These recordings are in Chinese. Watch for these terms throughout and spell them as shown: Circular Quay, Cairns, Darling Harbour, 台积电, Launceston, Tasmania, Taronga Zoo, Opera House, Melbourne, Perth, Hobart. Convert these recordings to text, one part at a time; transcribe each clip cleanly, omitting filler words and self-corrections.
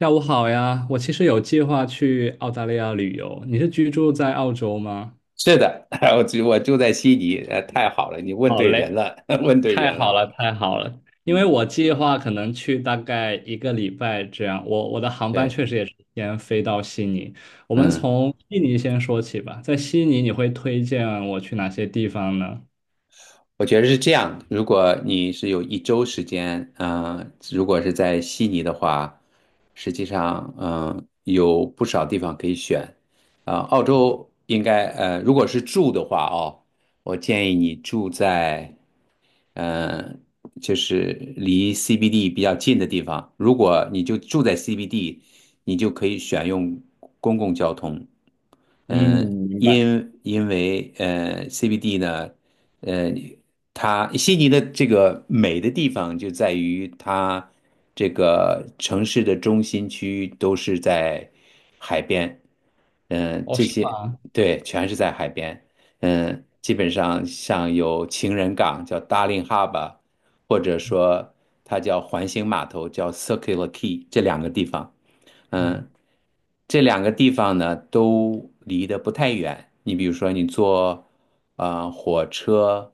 下午好呀，我其实有计划去澳大利亚旅游。你是居住在澳洲吗？是的，我住在悉尼，太好了，你问对人了，问对太人好了。了，太好了！因为嗯。我计划可能去大概一个礼拜这样。我的航班对。确实也是先飞到悉尼。我们嗯，从悉尼先说起吧。在悉尼，你会推荐我去哪些地方呢？我觉得是这样。如果你是有一周时间，如果是在悉尼的话，实际上，有不少地方可以选。澳洲应该，如果是住的话，哦，我建议你住在。呃，就是离 CBD 比较近的地方。如果你就住在 CBD，你就可以选用公共交通。嗯，嗯，明白。因为CBD 呢，呃，它悉尼的这个美的地方就在于它这个城市的中心区都是在海边，嗯，哦，这是些吗？对，全是在海边，嗯，基本上像有情人港叫 Darling h a r b o r， 或者说它叫环形码头叫 Circular Quay 这两个地方。嗯，嗯。这两个地方呢都离得不太远。你比如说，你坐火车，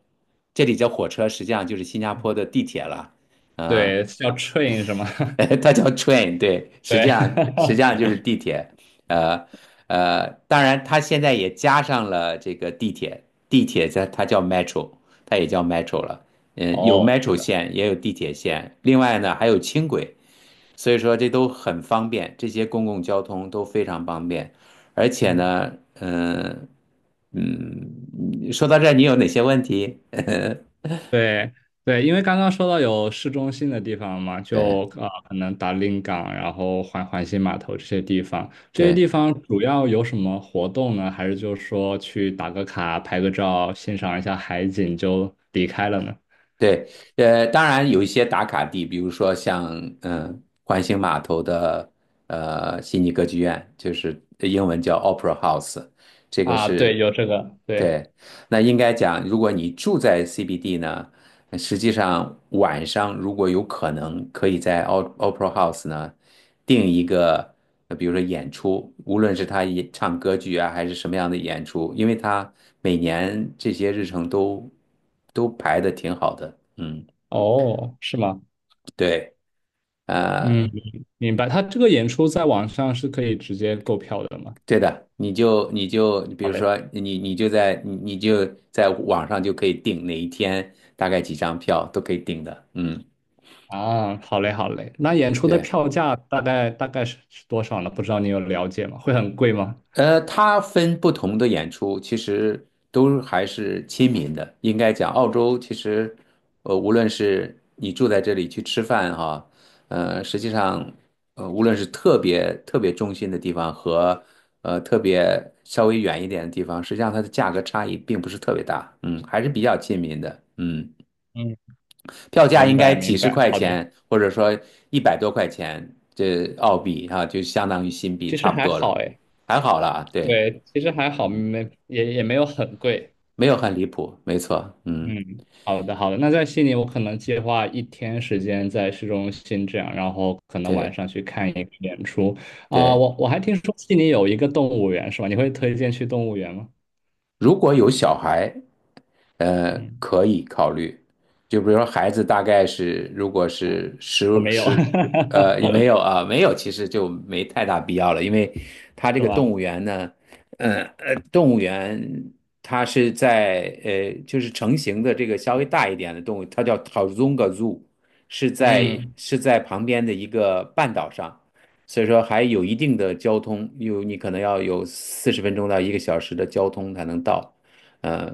这里叫火车，实际上就是新加坡的地铁了。呃，对，叫 train 是吗？它叫 train，对，实对。际上实际上就是 地铁。呃当然它现在也加上了这个地铁，地铁它叫 metro，它也叫 metro 了。嗯，有 哦，是 metro 的。线，也有地铁线，另外呢还有轻轨。所以说这都很方便，这些公共交通都非常方便，而且嗯，呢，嗯。嗯，说到这儿，你有哪些问题？对对，因为刚刚说到有市中心的地方嘛，就对可能达令港，然后环形码头这些地方，这些地对方主要有什么活动呢？还是就是说去打个卡、拍个照、欣赏一下海景就离开了呢？对。当然有一些打卡地，比如说像环形码头的悉尼歌剧院，就是英文叫 Opera House，这个啊，对，是有这个，对，对。那应该讲，如果你住在 CBD 呢？实际上，晚上如果有可能，可以在 Opera House 呢定一个，比如说演出，无论是他演唱歌剧啊，还是什么样的演出，因为他每年这些日程都排的挺好的。嗯。哦，是吗？对。呃，嗯，明白。他这个演出在网上是可以直接购票的吗？对的，你就比好如嘞。说你就在网上就可以订哪一天，大概几张票都可以订的。嗯。啊，好嘞，好嘞。那演出的对。票价大概是多少呢？不知道你有了解吗？会很贵吗？它分不同的演出，其实都还是亲民的。应该讲，澳洲其实，无论是你住在这里去吃饭哈，实际上，无论是特别中心的地方和特别稍微远一点的地方，实际上它的价格差异并不是特别大，嗯，还是比较亲民的，嗯，嗯，票价明应该白几明十白，块好的，钱，或者说一百多块钱，这澳币哈，就相当于新币其实差不还多好了，哎，还好啦，对。对，其实还好，嗯。没也也没有很贵。没有很离谱，没错，嗯，嗯，好的好的，那在悉尼，我可能计划一天时间在市中心这样，然后可能晚对上去看一个演出。啊、对。我我还听说悉尼有一个动物园是吧？你会推荐去动物园吗？如果有小孩，嗯，可以考虑。就比如说孩子大概是，如果哦，是十我没有，十，也没有啊，没有，其实就没太大必要了，因为他这是个动吧？物园呢，动物园它是在就是成型的这个稍微大一点的动物，它叫 Tarzunga Zoo，嗯，是在旁边的一个半岛上。所以说还有一定的交通，有你可能要有40分钟到一个小时的交通才能到。呃，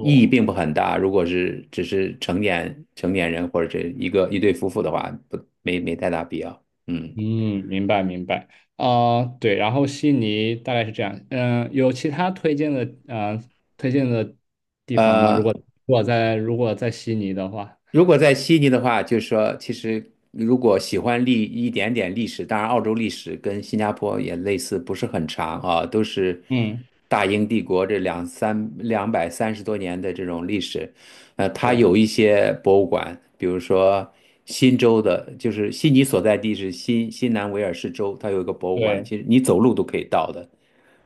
意义并不很大。如果是只是成年人或者是一个一对夫妇的话，不没没太大必要。嗯。嗯，明白明白，啊、对，然后悉尼大概是这样，嗯、有其他推荐的，嗯，推荐的地方吗？如呃，果如果在悉尼的话，如果在悉尼的话，就是说，其实如果喜欢一点点历史，当然澳洲历史跟新加坡也类似，不是很长啊，都是嗯，大英帝国这230多年的这种历史。它对有一些博物馆，比如说新州的，就是悉尼所在地是新南威尔士州，它有一个博物馆，对，其实你走路都可以到的。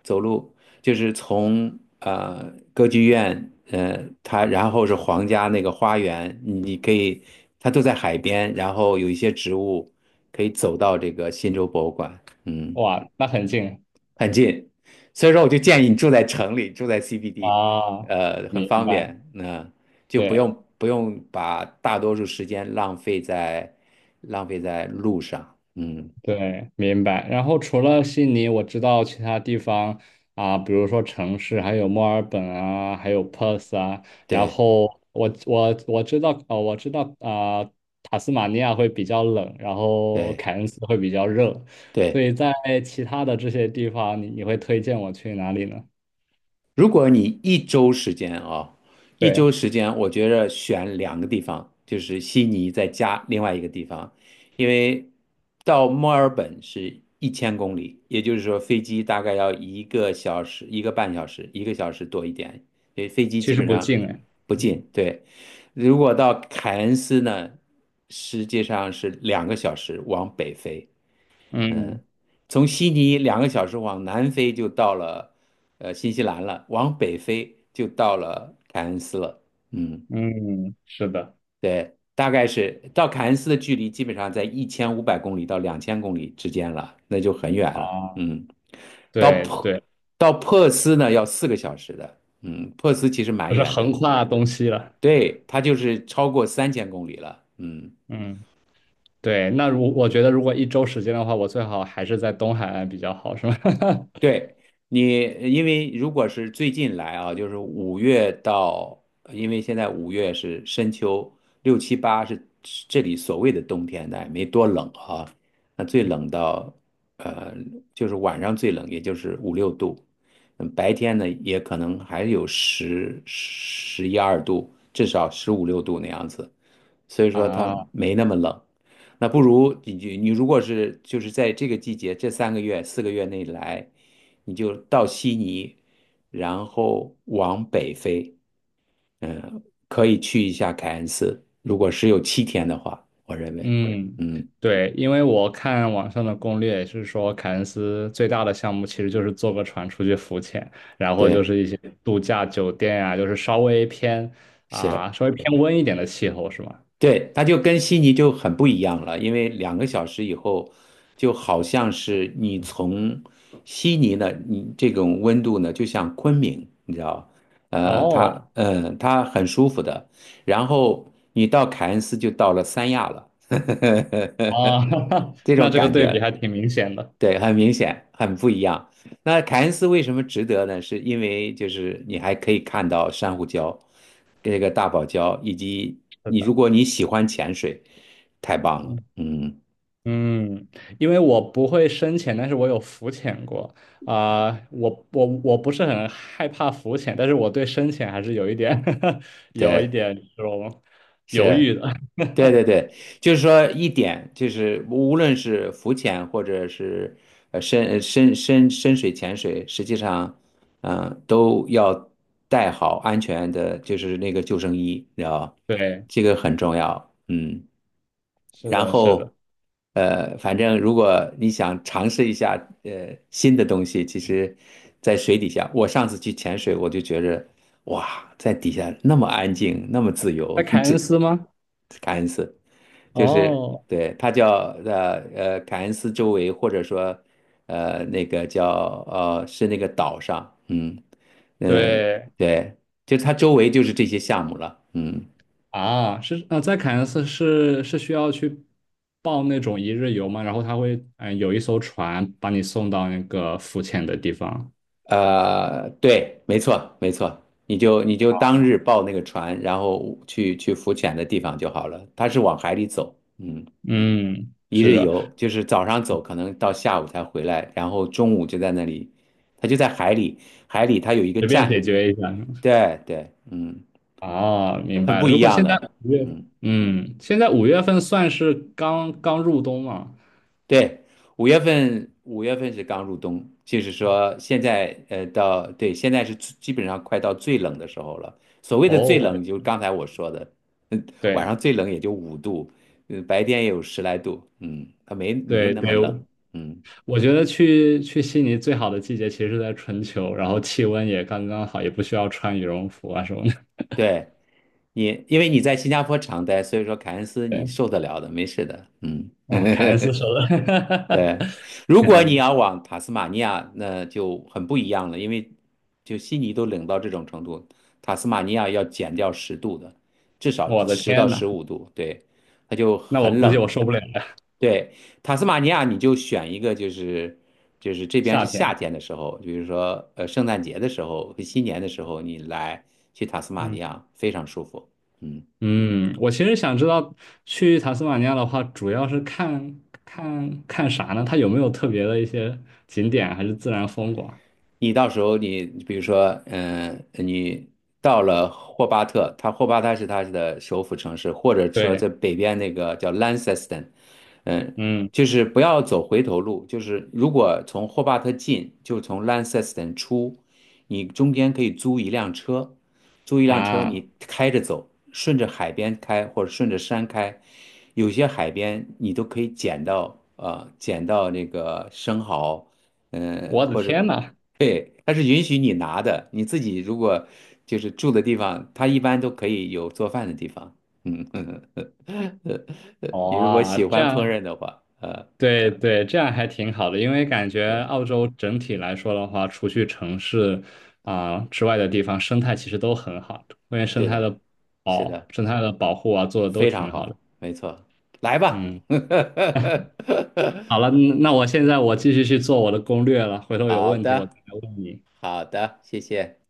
走路，就是从歌剧院，它然后是皇家那个花园，你可以，它都在海边，然后有一些植物可以走到这个新州博物馆，嗯，哇，那很近很近，所以说我就建议你住在城里，住在 CBD，啊，很明方白，便，就不对。用不用把大多数时间浪费在路上，嗯，对，明白。然后除了悉尼，我知道其他地方啊，比如说城市，还有墨尔本啊，还有 Perth 啊。然对后我知道，我知道啊，塔斯马尼亚会比较冷，然后对。凯恩斯会比较热。所对，以在其他的这些地方，你你会推荐我去哪里呢？如果你一对，周时间，我觉着选两个地方，就是悉尼再加另外一个地方，因为到墨尔本是1000公里，也就是说飞机大概要一个小时、1个半小时、1个小时多一点，因为飞机其基实本不上近哎。不嗯近。对。如果到凯恩斯呢，实际上是两个小时往北飞。嗯从悉尼两个小时往南飞就到了新西兰了，往北飞就到了凯恩斯了。嗯。嗯，是的对，大概是到凯恩斯的距离基本上在1500公里到2000公里之间了，那就很远了。啊，嗯。到对珀对，到珀斯呢要4个小时的。嗯，珀斯其实蛮不是远横的，跨东西了。对，它就是超过3000公里了。嗯。嗯。对，那我觉得如果一周时间的话，我最好还是在东海岸比较好，是吗？对你，因为如果是最近来啊，就是五月到，因为现在五月是深秋，6、7、8是是这里所谓的冬天，那也没多冷啊。那最冷到，呃，就是晚上最冷，也就是五六度，嗯，白天呢也可能还有11、12度，至少15、6度那样子。所以 说它啊，没那么冷。那不如你如果是就是在这个季节这3个月4个月内来，你就到悉尼，然后往北飞，嗯，可以去一下凯恩斯。如果是有7天的话，我认为，嗯，嗯。对，因为我看网上的攻略也是说，凯恩斯最大的项目其实就是坐个船出去浮潜，然后就对。是一些度假酒店啊，就是稍微偏是。啊，稍微偏温一点的气候，是吗？对，它就跟悉尼就很不一样了，因为两个小时以后，就好像是你从悉尼呢，你这种温度呢，就像昆明，你知道，哦，它很舒服的。然后你到凯恩斯就到了三亚了，啊，这那种这个感对比觉，还挺明显的。对，很明显，很不一样。那凯恩斯为什么值得呢？是因为就是你还可以看到珊瑚礁，这个大堡礁，以及是你如的，果你喜欢潜水，太棒了。嗯。嗯。嗯，因为我不会深潜，但是我有浮潜过啊、我不是很害怕浮潜，但是我对深潜还是有一点 有一对。点这种犹是。豫的。对对对，就是说一点就是无论是浮潜或者是深水潜水，实际上，都要带好安全的，就是那个救生衣，你知道吧，对，这个很重要。嗯。是然的，是的，后，反正如果你想尝试一下新的东西，其实，在水底下，我上次去潜水，我就觉着，哇，在底下那么安静，那么自在由，凯这恩斯吗？凯恩斯，就是哦，对，它叫凯恩斯周围，或者说呃那个叫呃是那个岛上，嗯、呃对对，就它周围就是这些项目了，嗯。啊，是在凯恩斯是需要去报那种一日游吗？然后他会有一艘船把你送到那个浮潜的地方。对，没错，你就当哦，日报那个船，然后去浮潜的地方就好了。它是往海里走，嗯，嗯，一是日的，游，就是早上走，可能到下午才回来，然后中午就在那里，它就在海里，海里它有一个随便解站，决一下。对对，嗯，哦，明很白不了。一如果样现在的，五月，嗯。嗯，现在五月份算是刚刚入冬嘛？对，五月份是刚入冬，就是说现在对，现在是最基本上快到最冷的时候了。所谓的最哦，我的冷，就刚才我说的，嗯，晚对上最冷也就五度，嗯，白天也有十来度，嗯，它没对那么对，冷，嗯，我觉得去悉尼最好的季节其实是在春秋，然后气温也刚刚好，也不需要穿羽绒服啊什么的。对你，因为你在新加坡常待，所以说凯恩斯你对，受得了的，没事的，嗯。啊，凯恩斯说 的，对，如肯果你定。要往塔斯马尼亚，那就很不一样了，因为就悉尼都冷到这种程度，塔斯马尼亚要减掉10度的，至少我的十到天十呐，五度，对，它就那我很估计冷我了。受不了了，对，塔斯马尼亚你就选一个，就是这边夏是夏天。天的时候，比如说圣诞节的时候和新年的时候，你来去塔斯马尼嗯。亚非常舒服。嗯。嗯，我其实想知道去塔斯马尼亚的话，主要是看看啥呢？它有没有特别的一些景点，还是自然风光？你到时候你比如说，嗯，你到了霍巴特，霍巴特是他的首府城市，或者说对，在北边那个叫 Launceston，嗯，嗯，就是不要走回头路，就是如果从霍巴特进，就从 Launceston 出，你中间可以租一辆车，租一辆车啊，你开着走，顺着海边开或者顺着山开，有些海边你都可以捡到，捡到那个生蚝。嗯，呃我的或者天呐，对，它是允许你拿的，你自己如果就是住的地方，它一般都可以有做饭的地方。嗯。呃你如果哇，喜这欢烹样，饪的话，对对，这样还挺好的，因为感觉对。澳洲整体来说的话，除去城市啊、之外的地方，生态其实都很好，关于对的。是的，生态的保护啊，做的都非常挺好的。好，没错，来吧。嗯。好了，嗯，那我现在我继续去做我的攻略了，回 头有好问题我的，再来问你。好的，谢谢。